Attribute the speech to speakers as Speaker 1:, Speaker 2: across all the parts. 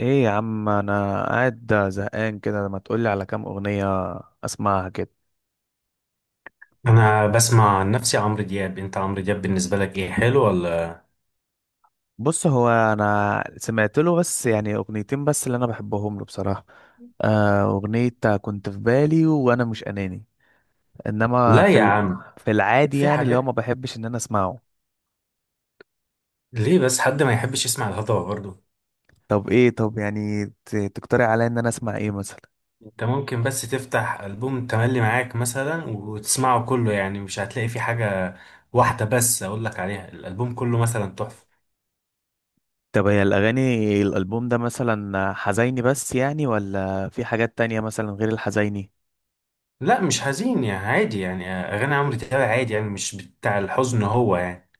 Speaker 1: ايه يا عم، انا قاعد زهقان كده. ما تقولي على كام اغنية اسمعها كده.
Speaker 2: انا بسمع عن نفسي عمرو دياب. انت عمرو دياب بالنسبه لك ايه، حلو ولا؟
Speaker 1: بص، هو انا سمعت له بس يعني اغنيتين بس اللي انا بحبهم له بصراحة. اغنية كنت في بالي وانا مش اناني، انما
Speaker 2: لا يا عم،
Speaker 1: في العادي
Speaker 2: في
Speaker 1: يعني اللي هو
Speaker 2: حاجات.
Speaker 1: ما بحبش ان انا اسمعه.
Speaker 2: ليه بس حد ما يحبش يسمع الهضبه برضه؟
Speaker 1: طب ايه؟ طب يعني تقترح عليا ان انا اسمع ايه مثلا؟
Speaker 2: انت ممكن بس تفتح البوم تملي معاك مثلا وتسمعه كله، يعني مش هتلاقي فيه حاجه واحده بس اقول لك عليها، الالبوم كله مثلا تحفه.
Speaker 1: طب هي الاغاني، الالبوم ده مثلا حزيني بس يعني ولا في حاجات تانية مثلا غير الحزيني؟
Speaker 2: لا، مش حزين يعني، عادي، يعني اغاني عمرو دياب عادي يعني، مش بتاع الحزن هو يعني.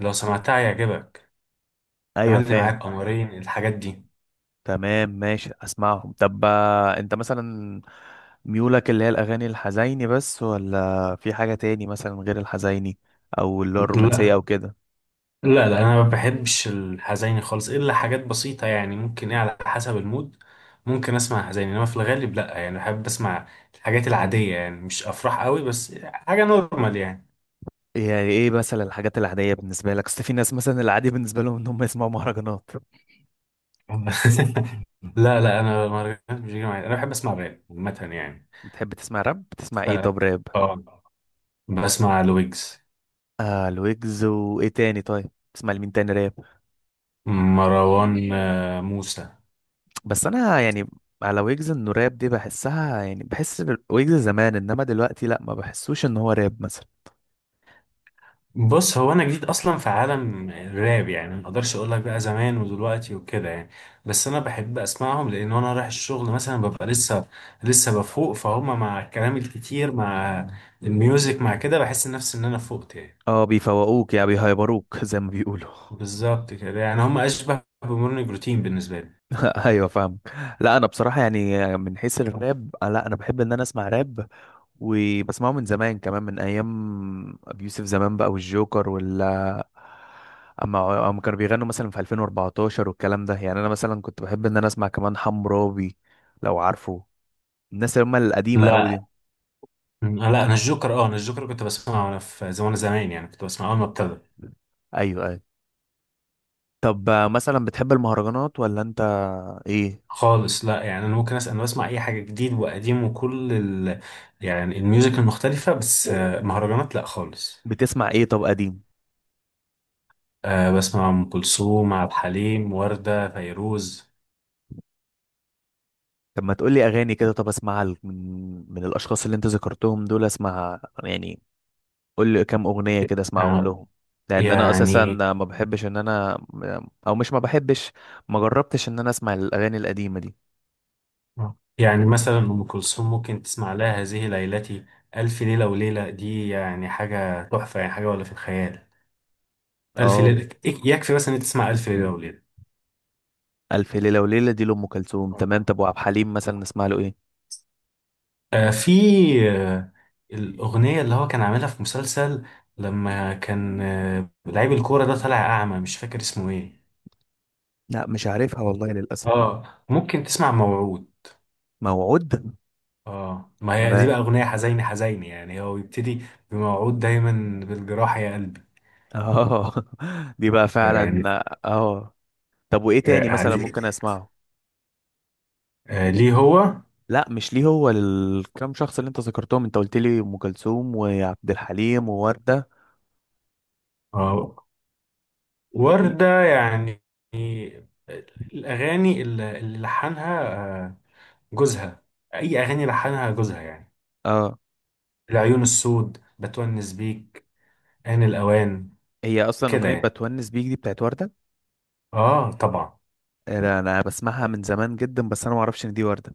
Speaker 2: لو سمعتها هيعجبك.
Speaker 1: ايوه،
Speaker 2: تملي
Speaker 1: فاهم.
Speaker 2: معاك، قمرين، الحاجات دي.
Speaker 1: تمام، ماشي اسمعهم. طب انت مثلا ميولك اللي هي الاغاني الحزيني بس ولا في حاجه تاني مثلا غير الحزيني او اللي هو
Speaker 2: لا
Speaker 1: الرومانسيه او كده؟
Speaker 2: لا لا، انا ما بحبش الحزيني خالص، الا حاجات بسيطه يعني، ممكن، ايه، على حسب المود. ممكن اسمع حزيني انما في الغالب لا يعني. بحب اسمع الحاجات العاديه يعني، مش افراح قوي بس حاجه نورمال يعني.
Speaker 1: يعني ايه مثلا الحاجات العاديه بالنسبه لك؟ اصل في ناس مثلا العادي بالنسبه لهم ان هم يسمعوا مهرجانات.
Speaker 2: لا لا، انا مهرجانات مش بيجي معايا. انا بحب اسمع راب عامه يعني.
Speaker 1: بتحب تسمع راب؟ بتسمع
Speaker 2: ف
Speaker 1: ايه طب راب؟
Speaker 2: اه بسمع لويجز.
Speaker 1: آه الويجز، وايه تاني طيب؟ تسمع لمين تاني راب؟
Speaker 2: مروان موسى.
Speaker 1: بس انا يعني على ويجز، انه راب دي بحسها، يعني بحس ويجز زمان، انما دلوقتي لا، ما بحسوش ان هو راب مثلا.
Speaker 2: بص هو انا جديد اصلا في عالم الراب يعني، ما اقدرش اقول لك بقى زمان ودلوقتي وكده يعني. بس انا بحب اسمعهم، لان وانا رايح الشغل مثلا، ببقى لسه بفوق، فهم مع الكلام الكتير، مع الميوزك، مع كده، بحس نفسي ان انا فقت يعني.
Speaker 1: اه بيفوقوك يعني، بيهيبروك زي ما بيقولوا.
Speaker 2: بالظبط كده يعني، هم اشبه بمورنينج روتين بالنسبه لي.
Speaker 1: ايوه، فاهم. لا انا بصراحه يعني من حيث الراب، لا انا بحب ان انا اسمع راب، وبسمعه من زمان كمان، من ايام ابي يوسف زمان بقى والجوكر ولا. اما كانوا بيغنوا مثلا في 2014 والكلام ده، يعني انا مثلا كنت بحب ان انا اسمع كمان حمرابي، لو عارفه الناس اللي هم القديمه قوي
Speaker 2: لا
Speaker 1: دي.
Speaker 2: لا، انا الجوكر، اه انا الجوكر كنت بسمعه وانا في زمان زمان يعني، كنت بسمعه اول ما ابتدى.
Speaker 1: ايوه، ايوه. طب مثلا بتحب المهرجانات ولا انت، ايه؟
Speaker 2: خالص لا يعني، انا ممكن اسال واسمع اي حاجه جديد وقديم وكل يعني الميوزك المختلفه، بس مهرجانات لا خالص.
Speaker 1: بتسمع ايه طب قديم؟
Speaker 2: بسمع ام كلثوم، عبد الحليم، ورده، فيروز.
Speaker 1: طب ما تقولي اغاني كده، طب اسمعها من الاشخاص اللي انت ذكرتهم دول، اسمعها يعني. قولي كام اغنيه كده اسمعهم
Speaker 2: آه،
Speaker 1: لهم، لان انا اساسا
Speaker 2: يعني
Speaker 1: ما بحبش ان انا، او مش ما بحبش، ما جربتش ان انا اسمع الاغاني القديمه دي.
Speaker 2: يعني مثلا ام كلثوم ممكن تسمع لها هذه ليلتي. الف ليله وليله دي يعني حاجه تحفه، يعني حاجه ولا في الخيال. الف
Speaker 1: اه،
Speaker 2: ليله يكفي بس ان أنت تسمع الف ليله وليله.
Speaker 1: الف ليله وليله دي لام كلثوم، تمام.
Speaker 2: آه.
Speaker 1: طب وعبد الحليم مثلا نسمع له ايه؟
Speaker 2: آه، في آه، الأغنية اللي هو كان عاملها في مسلسل، لما كان لعيب الكورة، ده طالع أعمى، مش فاكر اسمه إيه.
Speaker 1: لا مش عارفها والله للأسف.
Speaker 2: آه، ممكن تسمع موعود.
Speaker 1: موعود،
Speaker 2: آه، ما هي دي
Speaker 1: تمام.
Speaker 2: بقى أغنية حزينة حزينة يعني، هو بيبتدي بموعود دايما بالجراح يا قلبي
Speaker 1: اه. دي بقى
Speaker 2: يعني.
Speaker 1: فعلا، اه. طب وايه تاني
Speaker 2: آه،
Speaker 1: مثلا
Speaker 2: دي-
Speaker 1: ممكن اسمعه؟
Speaker 2: ليه هو؟
Speaker 1: لا مش ليه هو، للكام شخص اللي انت ذكرتهم، انت قلت لي ام كلثوم وعبد الحليم ووردة.
Speaker 2: آه،
Speaker 1: إيه؟
Speaker 2: وردة يعني الأغاني اللي لحنها آه، جوزها. أي أغاني لحنها جوزها يعني،
Speaker 1: اه،
Speaker 2: العيون السود، بتونس بيك، آن الأوان.
Speaker 1: هي اصلا
Speaker 2: كده
Speaker 1: اغنية
Speaker 2: يعني،
Speaker 1: بتونس بيك دي بتاعت وردة؟
Speaker 2: اه طبعا.
Speaker 1: أنا بسمعها من زمان جدا، بس انا ما اعرفش ان دي وردة.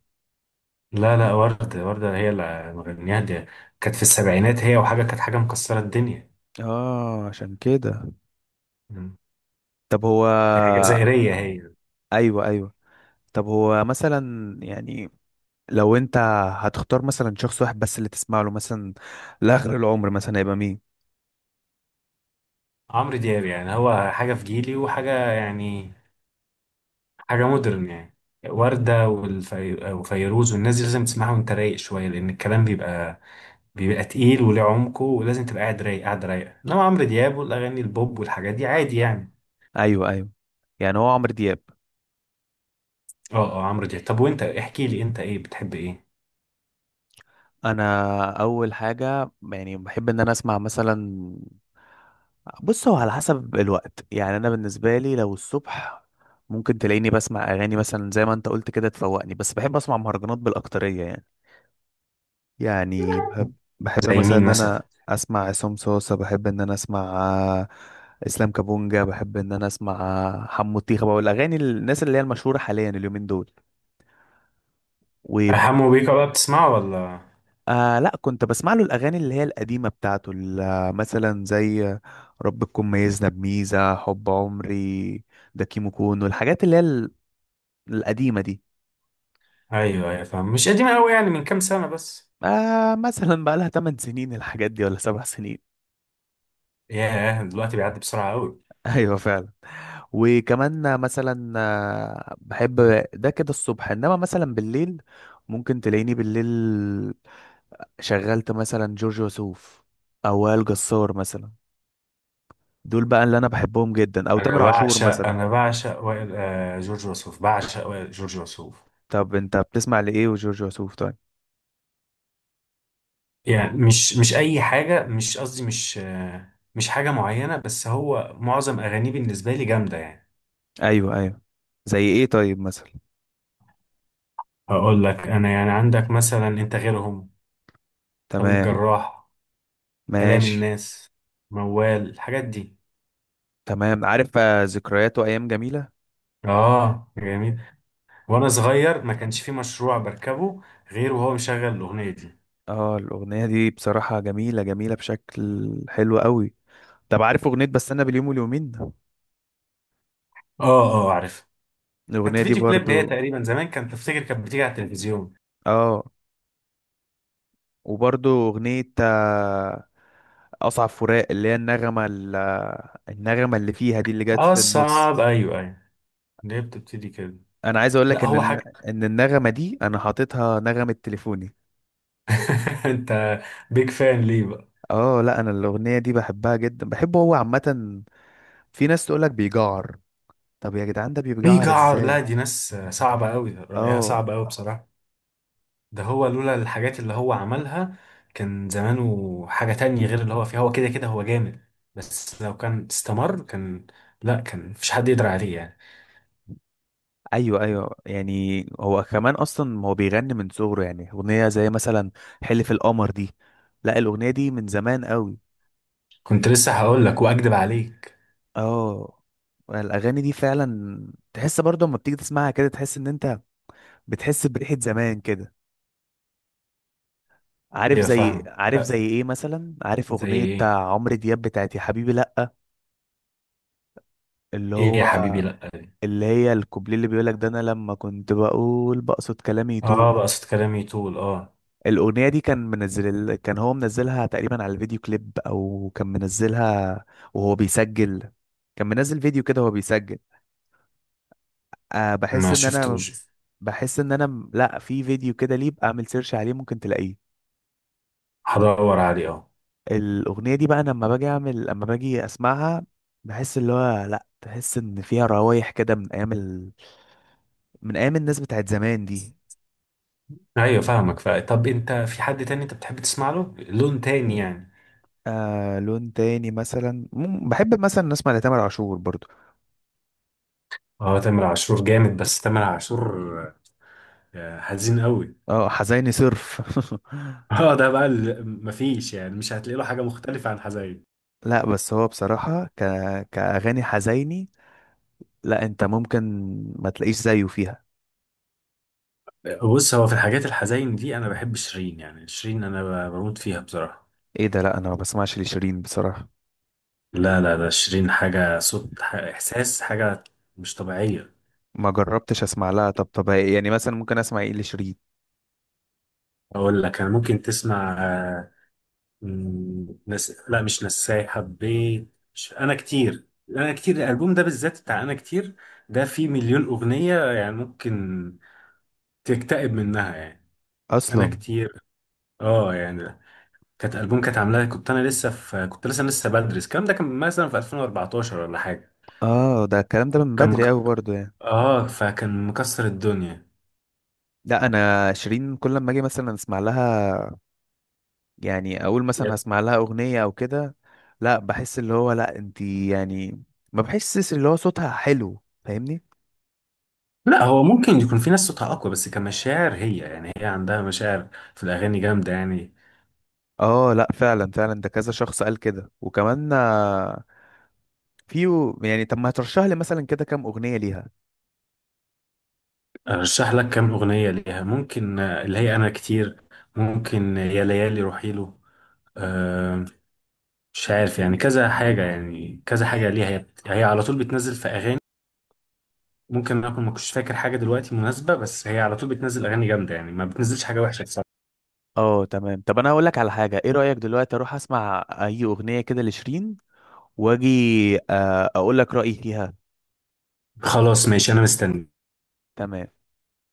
Speaker 2: لا لا، وردة وردة هي اللي مغنياها دي، كانت في السبعينات، هي وحاجة، كانت حاجة مكسرة الدنيا.
Speaker 1: اه، عشان كده.
Speaker 2: مم.
Speaker 1: طب هو.
Speaker 2: هي جزائرية هي.
Speaker 1: ايوه، ايوه. طب هو مثلا يعني لو انت هتختار مثلا شخص واحد بس اللي تسمع له مثلا لاخر العمر مثلا، هيبقى مين؟
Speaker 2: عمرو دياب يعني هو حاجة في جيلي، وحاجة يعني، حاجة مودرن يعني. وردة وفيروز والناس دي لازم تسمعها وانت رايق شوية، لأن الكلام بيبقى تقيل وليه عمقه، ولازم تبقى قاعد رايق، قاعد رايقة. إنما عمرو دياب والأغاني البوب والحاجات دي عادي يعني.
Speaker 1: ايوه، ايوه. يعني هو عمرو دياب.
Speaker 2: اه اه، عمرو دياب. طب وانت احكي لي انت، ايه بتحب، ايه؟
Speaker 1: انا اول حاجه يعني بحب ان انا اسمع مثلا، بص هو على حسب الوقت. يعني انا بالنسبه لي لو الصبح، ممكن تلاقيني بسمع اغاني مثلا زي ما انت قلت كده تفوقني، بس بحب اسمع مهرجانات بالاكتريه يعني. يعني بحب، بحب
Speaker 2: زي
Speaker 1: مثلا
Speaker 2: مين
Speaker 1: ان
Speaker 2: مثلا؟
Speaker 1: انا اسمع عصام صوصه، بحب ان انا اسمع اسلام كابونجا، بحب ان انا اسمع حمو الطيخه بقى، والاغاني الناس اللي هي المشهوره حاليا اليومين دول و...
Speaker 2: حمو بيكا بقى بتسمعه ولا؟
Speaker 1: آه لا، كنت بسمع له الأغاني اللي هي القديمة بتاعته، مثلا زي ربكم ميزنا بميزة، حب عمري، ده كيمو كونو، الحاجات اللي هي القديمة دي.
Speaker 2: ايوه ايوه، فاهم. مش قديم قوي يعني، من كام سنه بس.
Speaker 1: آه مثلا بقى لها 8 سنين الحاجات دي، ولا 7 سنين.
Speaker 2: ياه، دلوقتي بيعدي بسرعه قوي.
Speaker 1: ايوه، فعلا. وكمان مثلا بحب، ده كده الصبح، انما مثلا بالليل ممكن تلاقيني بالليل شغلت مثلا جورج وسوف، او وائل جسار مثلا. دول بقى اللي انا بحبهم جدا، او
Speaker 2: انا
Speaker 1: تامر عاشور
Speaker 2: بعشق
Speaker 1: مثلا.
Speaker 2: انا بعشق وائل، جورج وسوف، بعشق وائل جورج وسوف.
Speaker 1: طب انت بتسمع لايه وجورج وسوف طيب؟
Speaker 2: يعني مش اي حاجه، مش قصدي، مش حاجه معينه، بس هو معظم اغانيه بالنسبه لي جامده يعني.
Speaker 1: ايوه، ايوه. زي ايه طيب مثلا؟
Speaker 2: هقول لك انا يعني، عندك مثلا انت غيرهم، طبيب
Speaker 1: تمام،
Speaker 2: جراح، كلام
Speaker 1: ماشي.
Speaker 2: الناس، موال، الحاجات دي.
Speaker 1: تمام، عارف ذكريات وايام جميله.
Speaker 2: اه جميل. وانا صغير ما كانش في مشروع بركبه غير وهو مشغل الاغنيه دي.
Speaker 1: اه، الاغنيه دي بصراحه جميله، جميله بشكل حلو قوي. طب عارف اغنيه بستنى باليوم واليومين؟
Speaker 2: اه اه، عارف.
Speaker 1: الاغنيه
Speaker 2: كانت
Speaker 1: دي
Speaker 2: فيديو كليب هي
Speaker 1: برضو.
Speaker 2: تقريبا زمان، كانت، تفتكر، كانت بتيجي على التلفزيون.
Speaker 1: اه، وبرضو اغنيه اصعب فراق، اللي هي النغمه النغمه اللي فيها دي، اللي جت
Speaker 2: اه
Speaker 1: في النص.
Speaker 2: الصعب، ايوه ايوه. ليه بتبتدي كده؟
Speaker 1: انا عايز اقول لك
Speaker 2: لا،
Speaker 1: ان
Speaker 2: هو حاجه.
Speaker 1: ان النغمه دي انا حاططها نغمه تليفوني.
Speaker 2: انت بيج فان ليه بقى؟
Speaker 1: اه، لا انا الاغنيه دي بحبها جدا، بحبه هو عامه. في ناس تقولك بيجعر. طب يا جدعان، ده
Speaker 2: في
Speaker 1: بيجعر
Speaker 2: جعر؟ لا،
Speaker 1: ازاي؟
Speaker 2: دي ناس صعبه قوي، رايها
Speaker 1: اه.
Speaker 2: صعب قوي بصراحه. ده هو لولا الحاجات اللي هو عملها، كان زمانه حاجه تانية غير اللي هو فيها. هو كده كده هو جامد، بس لو كان استمر كان، لا كان مفيش حد يقدر عليه يعني.
Speaker 1: ايوه، ايوه. يعني هو كمان اصلا هو بيغني من صغره، يعني اغنيه زي مثلا حلف القمر دي، لا الاغنيه دي من زمان قوي.
Speaker 2: كنت لسه هقول لك واكدب عليك.
Speaker 1: اه الاغاني دي فعلا، تحس برضه لما بتيجي تسمعها كده، تحس ان انت بتحس بريحه زمان كده. عارف
Speaker 2: ايوه
Speaker 1: زي،
Speaker 2: فاهمه.
Speaker 1: عارف
Speaker 2: ف-
Speaker 1: زي ايه مثلا؟ عارف
Speaker 2: زي
Speaker 1: اغنيه
Speaker 2: ايه؟
Speaker 1: بتاع عمرو دياب بتاعت يا حبيبي لا؟ اللي
Speaker 2: ايه
Speaker 1: هو
Speaker 2: يا حبيبي لا دي.
Speaker 1: اللي هي الكوبليه اللي بيقولك ده، انا لما كنت بقول بقصد كلامي
Speaker 2: اه،
Speaker 1: يطول.
Speaker 2: بقصد كلامي طول، اه.
Speaker 1: الاغنيه دي كان هو منزلها تقريبا على الفيديو كليب، او كان منزلها وهو بيسجل، كان منزل فيديو كده وهو بيسجل. أه
Speaker 2: ما
Speaker 1: بحس ان انا،
Speaker 2: شفتوش.
Speaker 1: لا في فيديو كده، ليه بقى اعمل سيرش عليه ممكن تلاقيه.
Speaker 2: هدور عليه، اه.
Speaker 1: الاغنيه دي بقى أنا لما باجي اعمل، لما باجي اسمعها، بحس اللي هو لا، تحس ان فيها روايح كده من ايام الناس بتاعت زمان دي.
Speaker 2: ايوه فاهمك. طب انت في حد تاني انت بتحب تسمع له لون تاني يعني؟
Speaker 1: آه لون تاني مثلا، بحب مثلا نسمع لتامر عاشور برضو.
Speaker 2: اه تامر عاشور جامد، بس تامر عاشور حزين قوي.
Speaker 1: اه حزيني صرف.
Speaker 2: اه، ده بقى مفيش يعني، مش هتلاقي له حاجه مختلفه عن حزين.
Speaker 1: لا بس هو بصراحة كأغاني حزيني، لا انت ممكن ما تلاقيش زيه فيها.
Speaker 2: بص هو في الحاجات الحزين دي انا بحب شيرين يعني، شيرين انا بموت فيها بصراحه.
Speaker 1: ايه ده؟ لا انا ما بسمعش لشيرين بصراحة.
Speaker 2: لا لا، ده شيرين حاجة، صوت، إحساس، حاجة مش طبيعية.
Speaker 1: ما جربتش اسمع لها. طب، طب يعني مثلا ممكن اسمع ايه لشيرين؟
Speaker 2: أقول لك أنا، ممكن تسمع لا، مش نساي حبيت، مش... أنا كتير. أنا كتير، الألبوم ده بالذات بتاع أنا كتير، ده فيه مليون أغنية يعني، ممكن تكتئب منها يعني. أنا
Speaker 1: اصلا
Speaker 2: كتير، أه يعني كانت ألبوم كانت عاملاه، كنت لسه بدرس، الكلام ده كان مثلا في 2014 ولا حاجة.
Speaker 1: اه ده الكلام ده من
Speaker 2: كان
Speaker 1: بدري
Speaker 2: مك...
Speaker 1: قوي برضو يعني.
Speaker 2: أه فكان مكسر الدنيا.
Speaker 1: لا انا شيرين كل ما اجي مثلا اسمع لها، يعني اقول مثلا هسمع لها اغنيه او كده، لا بحس اللي هو لا انتي، يعني ما بحسش اللي هو صوتها حلو فاهمني؟
Speaker 2: لا، هو ممكن يكون في ناس صوتها اقوى، بس كمشاعر هي يعني، هي عندها مشاعر في الاغاني جامده يعني.
Speaker 1: اه لا، فعلا، فعلا. ده كذا شخص قال كده. وكمان في يعني، طب ما هترشح لي مثلا كده كام اغنيه ليها؟
Speaker 2: ارشح لك كام اغنيه ليها؟ ممكن اللي هي انا كتير، ممكن يا ليالي، روحي له. آه، مش عارف يعني، كذا حاجه يعني، كذا حاجه ليها، هي هي على طول بتنزل في اغاني. ممكن اكون ما كنتش فاكر حاجه دلوقتي مناسبه، بس هي على طول بتنزل اغاني جامده يعني، ما بتنزلش حاجه وحشه بصراحه.
Speaker 1: اه تمام. طب انا اقول لك على حاجه، ايه رايك دلوقتي اروح اسمع اي اغنيه كده لشيرين، واجي اقول لك رايي فيها؟
Speaker 2: خلاص ماشي، انا مستني.
Speaker 1: تمام.